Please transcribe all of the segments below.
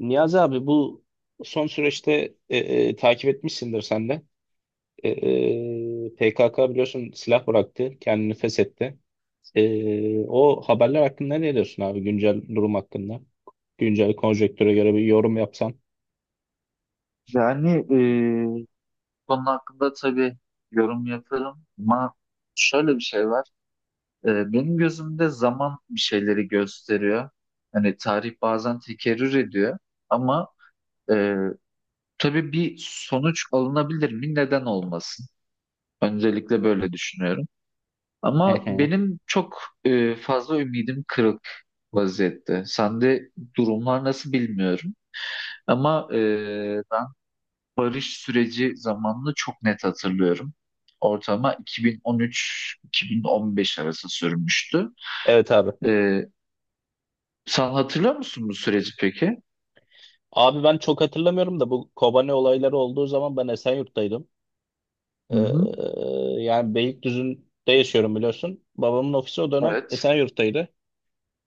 Niyazi abi bu son süreçte takip etmişsindir sen de. PKK biliyorsun silah bıraktı, kendini feshetti. O haberler hakkında ne diyorsun abi, güncel durum hakkında? Güncel konjektüre göre bir yorum yapsan. Yani bu konu hakkında tabii yorum yaparım ama şöyle bir şey var. Benim gözümde zaman bir şeyleri gösteriyor. Hani tarih bazen tekerrür ediyor ama e, tabii bir sonuç alınabilir mi? Neden olmasın? Öncelikle böyle düşünüyorum. Ama benim çok fazla ümidim kırık vaziyette. Sende durumlar nasıl bilmiyorum. Ama barış süreci zamanını çok net hatırlıyorum. Ortama 2013-2015 arası sürmüştü. Evet abi. Ee, sen hatırlıyor musun bu süreci peki? Abi ben çok hatırlamıyorum da, bu Kobane olayları olduğu zaman ben Esenyurt'taydım. Hı hı. Ee, Yani Beylikdüzü'nde yaşıyorum biliyorsun. Babamın ofisi o dönem Evet. Esenyurt'taydı.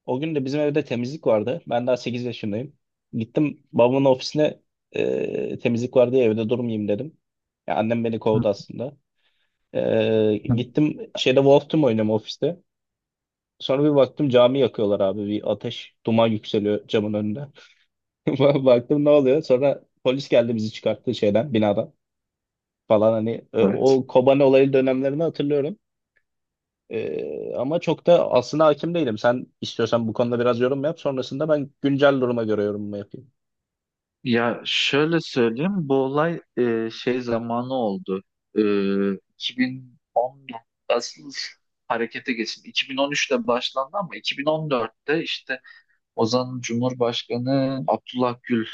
O gün de bizim evde temizlik vardı. Ben daha 8 yaşındayım. Gittim babamın ofisine, temizlik var diye evde durmayayım dedim. Ya annem beni Hı kovdu aslında. Hı. Gittim şeyde Wolf Team oynuyorum ofiste. Sonra bir baktım cami yakıyorlar abi. Bir ateş, duman yükseliyor camın önünde. Baktım ne oluyor? Sonra polis geldi, bizi çıkarttı şeyden, binadan falan. Hani Evet. o Kobani olayı dönemlerini hatırlıyorum. Ama çok da aslında hakim değilim. Sen istiyorsan bu konuda biraz yorum yap. Sonrasında ben güncel duruma göre yorumumu yapayım. Ya şöyle söyleyeyim, bu olay şey zamanı oldu. E, 2014 asıl harekete geçildi. 2013'te başlandı ama 2014'te işte Ozan Cumhurbaşkanı Abdullah Gül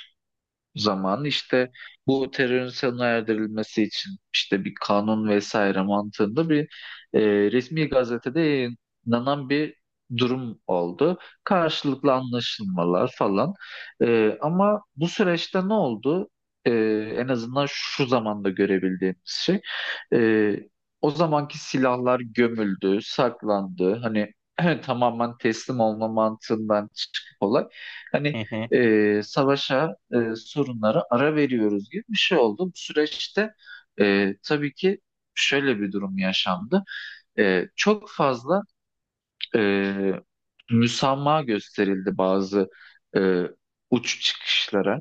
zaman işte bu terörün sona erdirilmesi için işte bir kanun vesaire mantığında bir e, resmi gazetede yayınlanan bir durum oldu. Karşılıklı anlaşılmalar falan. Ama bu süreçte ne oldu? E, En azından şu zamanda görebildiğimiz şey. e, O zamanki silahlar gömüldü, saklandı. Hani tamamen teslim olma mantığından çıkıp olay. Hı Hani hı. Savaşa, sorunlara ara veriyoruz gibi bir şey oldu. Bu süreçte tabii ki şöyle bir durum yaşandı. Çok fazla e, müsamaha gösterildi bazı e, uç çıkışlara.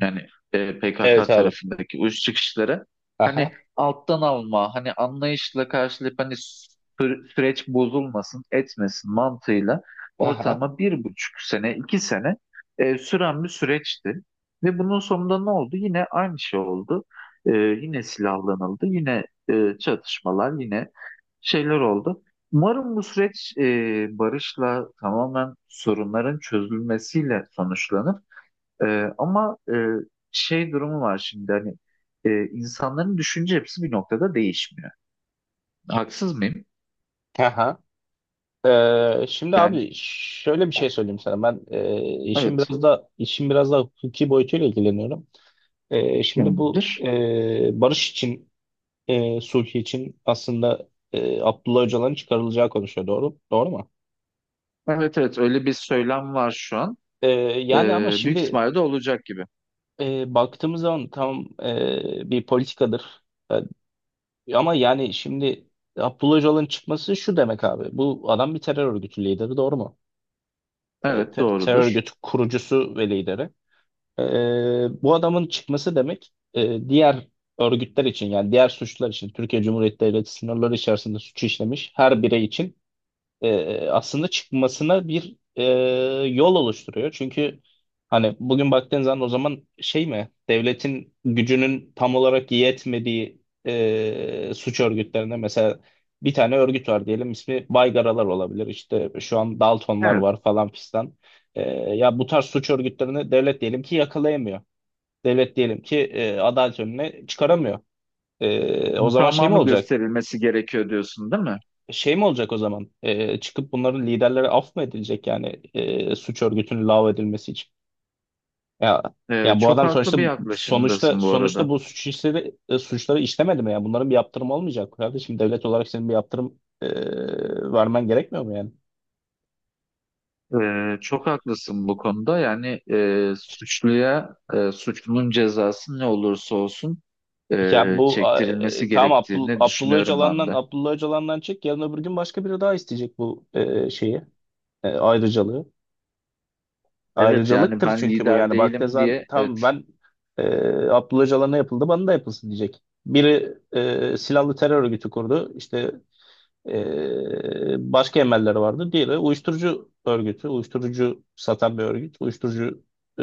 Yani PKK Evet abi. tarafındaki uç kişilere hani Aha. alttan alma, hani anlayışla karşılayıp hani süreç bozulmasın, etmesin mantığıyla Aha. ortalama 1,5 sene, 2 sene süren bir süreçti. Ve bunun sonunda ne oldu? Yine aynı şey oldu. Yine silahlanıldı, yine çatışmalar, yine şeyler oldu. Umarım bu süreç barışla tamamen sorunların çözülmesiyle sonuçlanır. Ama şey durumu var şimdi hani insanların düşünce yapısı bir noktada değişmiyor. Haksız mıyım? Aha. Şimdi Yani abi şöyle bir şey söyleyeyim sana. Ben işim evet. biraz da işim biraz da hukuki boyutuyla ilgileniyorum. Şimdi bu, Tamamdır. Barış için, sulh için aslında Abdullah Öcalan'ın çıkarılacağı konuşuyor. Doğru. Doğru mu? Evet, evet, öyle bir söylem var şu an. Ee, Yani ama Büyük şimdi ihtimalle de olacak gibi. Baktığımız zaman tam bir politikadır. Ama yani şimdi Abdullah Öcalan'ın çıkması şu demek abi. Bu adam bir terör örgütü lideri, doğru mu? Evet, Terör doğrudur. örgütü kurucusu ve lideri. E, Bu adamın çıkması demek, diğer örgütler için, yani diğer suçlar için Türkiye Cumhuriyeti Devleti sınırları içerisinde suç işlemiş her birey için aslında çıkmasına bir, yol oluşturuyor. Çünkü hani bugün baktığın zaman, o zaman şey mi, devletin gücünün tam olarak yetmediği suç örgütlerine. Mesela bir tane örgüt var diyelim, ismi Baygaralar olabilir, işte şu an Daltonlar Evet. var falan fistan. E, Ya bu tarz suç örgütlerini devlet diyelim ki yakalayamıyor. Devlet diyelim ki adalet önüne çıkaramıyor. O zaman şey mi Tamamı olacak? gösterilmesi gerekiyor diyorsun değil mi? Şey mi olacak o zaman? Çıkıp bunların liderlere af mı edilecek, yani suç örgütünün lağv edilmesi için? Ya ya bu Çok adam sonuçta, haklı bir sonuçta yaklaşımdasın bu sonuçta arada. bu suç işleri, suçları işlemedi mi ya? Bunların bir yaptırımı olmayacak mı kardeşim? Devlet olarak senin bir yaptırım, vermen gerekmiyor mu yani? Çok haklısın bu konuda. Yani suçluya suçlunun cezası ne olursa olsun Ya bu çektirilmesi tamam, gerektiğini Abdullah düşünüyorum ben Öcalan'dan, de. Abdullah Öcalan'dan çek yarın öbür gün başka biri daha isteyecek bu şeyi, ayrıcalığı. Evet, yani Ayrıcalıktır ben çünkü bu. lider Yani değilim Baktezan diye evet tam ben, e, Abdullah Öcalan'a ne yapıldı bana da yapılsın diyecek. Biri silahlı terör örgütü kurdu, işte başka emelleri vardı. Diğeri uyuşturucu örgütü, uyuşturucu satan bir örgüt, uyuşturucu e,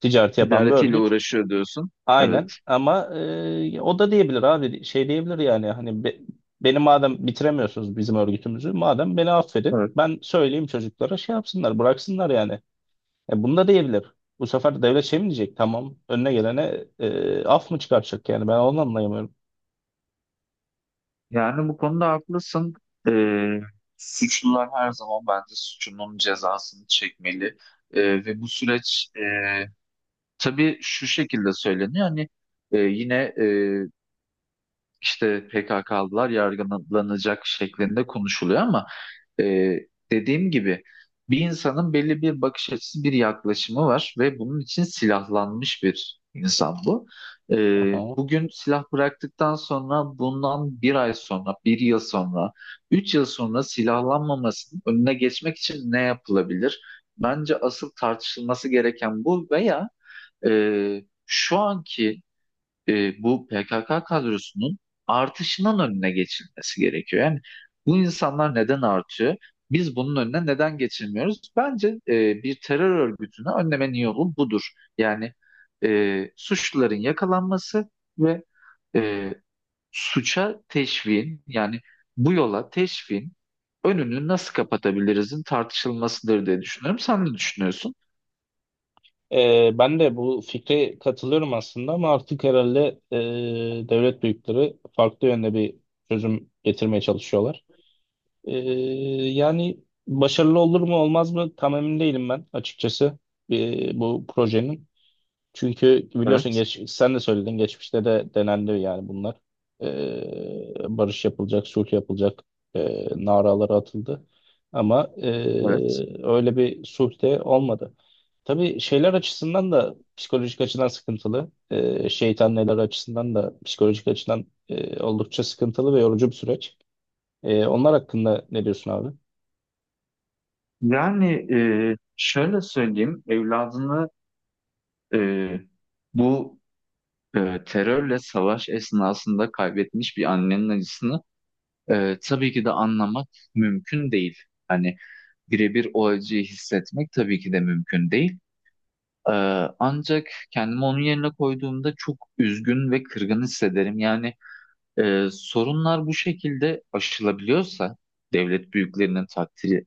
ticareti yapan bir idaretiyle örgüt. uğraşıyor diyorsun. Aynen Evet. ama o da diyebilir abi, şey diyebilir yani, hani beni madem bitiremiyorsunuz, bizim örgütümüzü madem, beni affedin, Evet. ben söyleyeyim çocuklara, şey yapsınlar, bıraksınlar yani. Bunu da diyebilir. Bu sefer devlet şey mi diyecek? Tamam. Önüne gelene af mı çıkaracak yani? Ben onu anlayamıyorum. Yani bu konuda haklısın. Ee, suçlular her zaman bence suçunun cezasını çekmeli. Ve bu süreç tabii şu şekilde söyleniyor. Hani yine işte PKK'lılar yargılanacak şeklinde konuşuluyor ama e, dediğim gibi bir insanın belli bir bakış açısı, bir yaklaşımı var ve bunun için silahlanmış bir insan bu. E, Aha. Bugün silah bıraktıktan sonra bundan bir ay sonra, bir yıl sonra, 3 yıl sonra silahlanmamasının önüne geçmek için ne yapılabilir? Bence asıl tartışılması gereken bu veya e, şu anki bu PKK kadrosunun artışının önüne geçilmesi gerekiyor. Yani bu insanlar neden artıyor? Biz bunun önüne neden geçilmiyoruz? Bence bir terör örgütünü önlemenin yolu budur. Yani suçluların yakalanması ve e, suça teşviğin yani bu yola teşviğin önünü nasıl kapatabilirizin tartışılmasıdır diye düşünüyorum. Sen ne düşünüyorsun? Ben de bu fikre katılıyorum aslında, ama artık herhalde devlet büyükleri farklı yönde bir çözüm getirmeye çalışıyorlar. E, Yani başarılı olur mu olmaz mı tam emin değilim ben, açıkçası bu projenin. Çünkü biliyorsun Evet, sen de söyledin, geçmişte de denendi yani bunlar. Barış yapılacak, sulh yapılacak, naraları atıldı. Ama evet. öyle bir sulh de olmadı. Tabii şeyler açısından da psikolojik açıdan sıkıntılı. Şeytan neler açısından da psikolojik açıdan oldukça sıkıntılı ve yorucu bir süreç. Onlar hakkında ne diyorsun abi? Yani şöyle söyleyeyim, evladını Ee, bu terörle savaş esnasında kaybetmiş bir annenin acısını tabii ki de anlamak mümkün değil. Hani birebir o acıyı hissetmek tabii ki de mümkün değil. Ee, ancak kendimi onun yerine koyduğumda çok üzgün ve kırgın hissederim. Yani sorunlar bu şekilde aşılabiliyorsa, devlet büyüklerinin takdiri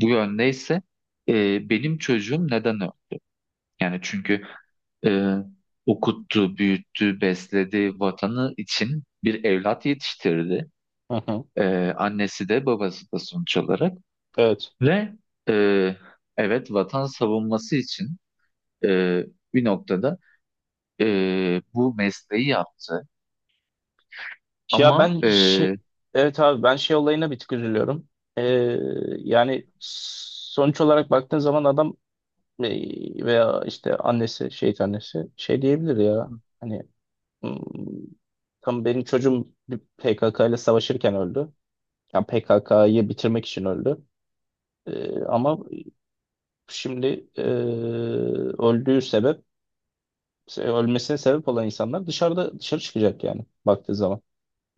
bu yöndeyse, benim çocuğum neden öyle? Yani çünkü e, okuttu, büyüttü, besledi vatanı için bir evlat yetiştirdi. Hı hı. Annesi de babası da sonuç olarak. Evet. Ve e, evet vatan savunması için e, bir noktada bu mesleği yaptı. Ya Ama ben e, şey, evet abi, ben şey olayına bir tık üzülüyorum. Ee, Yani sonuç olarak baktığın zaman adam, veya işte annesi, şehit annesi şey diyebilir ya. Hani, "Hmm, tam benim çocuğum bir PKK ile savaşırken öldü. Yani PKK'yı bitirmek için öldü. Ama şimdi öldüğü sebep, ölmesine sebep olan insanlar dışarıda, dışarı çıkacak yani baktığı zaman.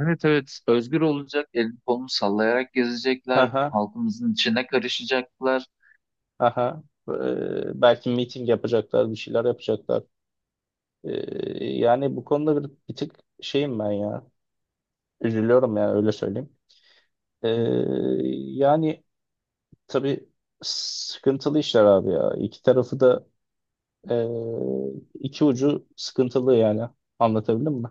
Evet, evet, özgür olacak, elini kolunu sallayarak gezecekler, halkımızın içine karışacaklar. Aha, belki meeting yapacaklar, bir şeyler yapacaklar. E, Yani bu konuda bir, bir tık şeyim ben ya. Üzülüyorum yani, öyle söyleyeyim. E, Yani tabii sıkıntılı işler abi ya. İki tarafı da, e, iki ucu sıkıntılı yani. Anlatabildim mi?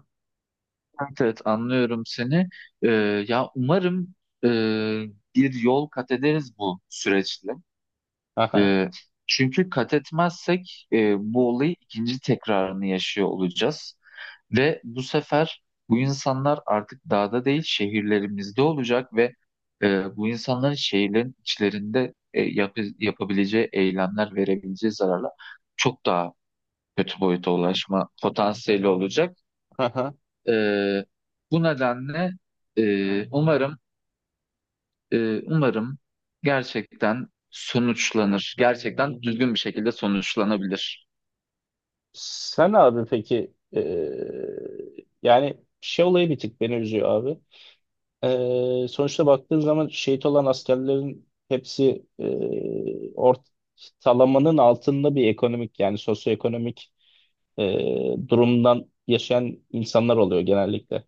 Evet, evet, anlıyorum seni. Ee, ya umarım e, bir yol kat ederiz bu süreçle. Aha, Ee, çünkü kat etmezsek bu olayı ikinci tekrarını yaşıyor olacağız. Ve bu sefer bu insanlar artık dağda değil şehirlerimizde olacak ve bu insanların şehirlerin içlerinde yapabileceği eylemler verebileceği zararlar çok daha kötü boyuta ulaşma potansiyeli olacak. aha. Ee, bu nedenle e, umarım umarım gerçekten sonuçlanır. Gerçekten düzgün bir şekilde sonuçlanabilir. Sen abi peki yani şey olayı bir tık beni üzüyor abi. Sonuçta baktığın zaman şehit olan askerlerin hepsi ortalamanın altında bir ekonomik, yani sosyoekonomik e, durumdan yaşayan insanlar oluyor genellikle.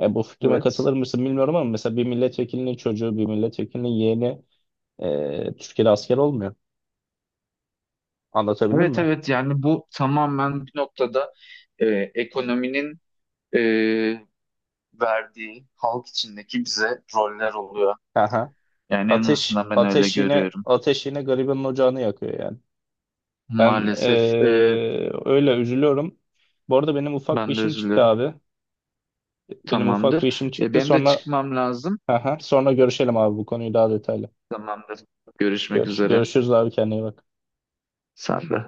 Bu fikrime Evet. katılır mısın bilmiyorum, ama mesela bir milletvekilinin çocuğu, bir milletvekilinin yeğeni Türkiye'de asker olmuyor. Anlatabildim Evet, mi? evet, yani bu tamamen bir noktada e, ekonominin e, verdiği halk içindeki bize roller oluyor. Aha. Yani en Ateş, azından ben öyle ateş, görüyorum. ateş yine garibanın ocağını yakıyor yani. Ben e, Maalesef Öyle üzülüyorum. Bu arada benim ufak bir ben de işim çıktı üzülüyorum. abi. Benim ufak bir Tamamdır. işim çıktı. Benim de Sonra çıkmam lazım. sonra görüşelim abi, bu konuyu daha detaylı. Tamamdır. Görüşmek üzere. Görüşürüz abi, kendine iyi bak. Sen de.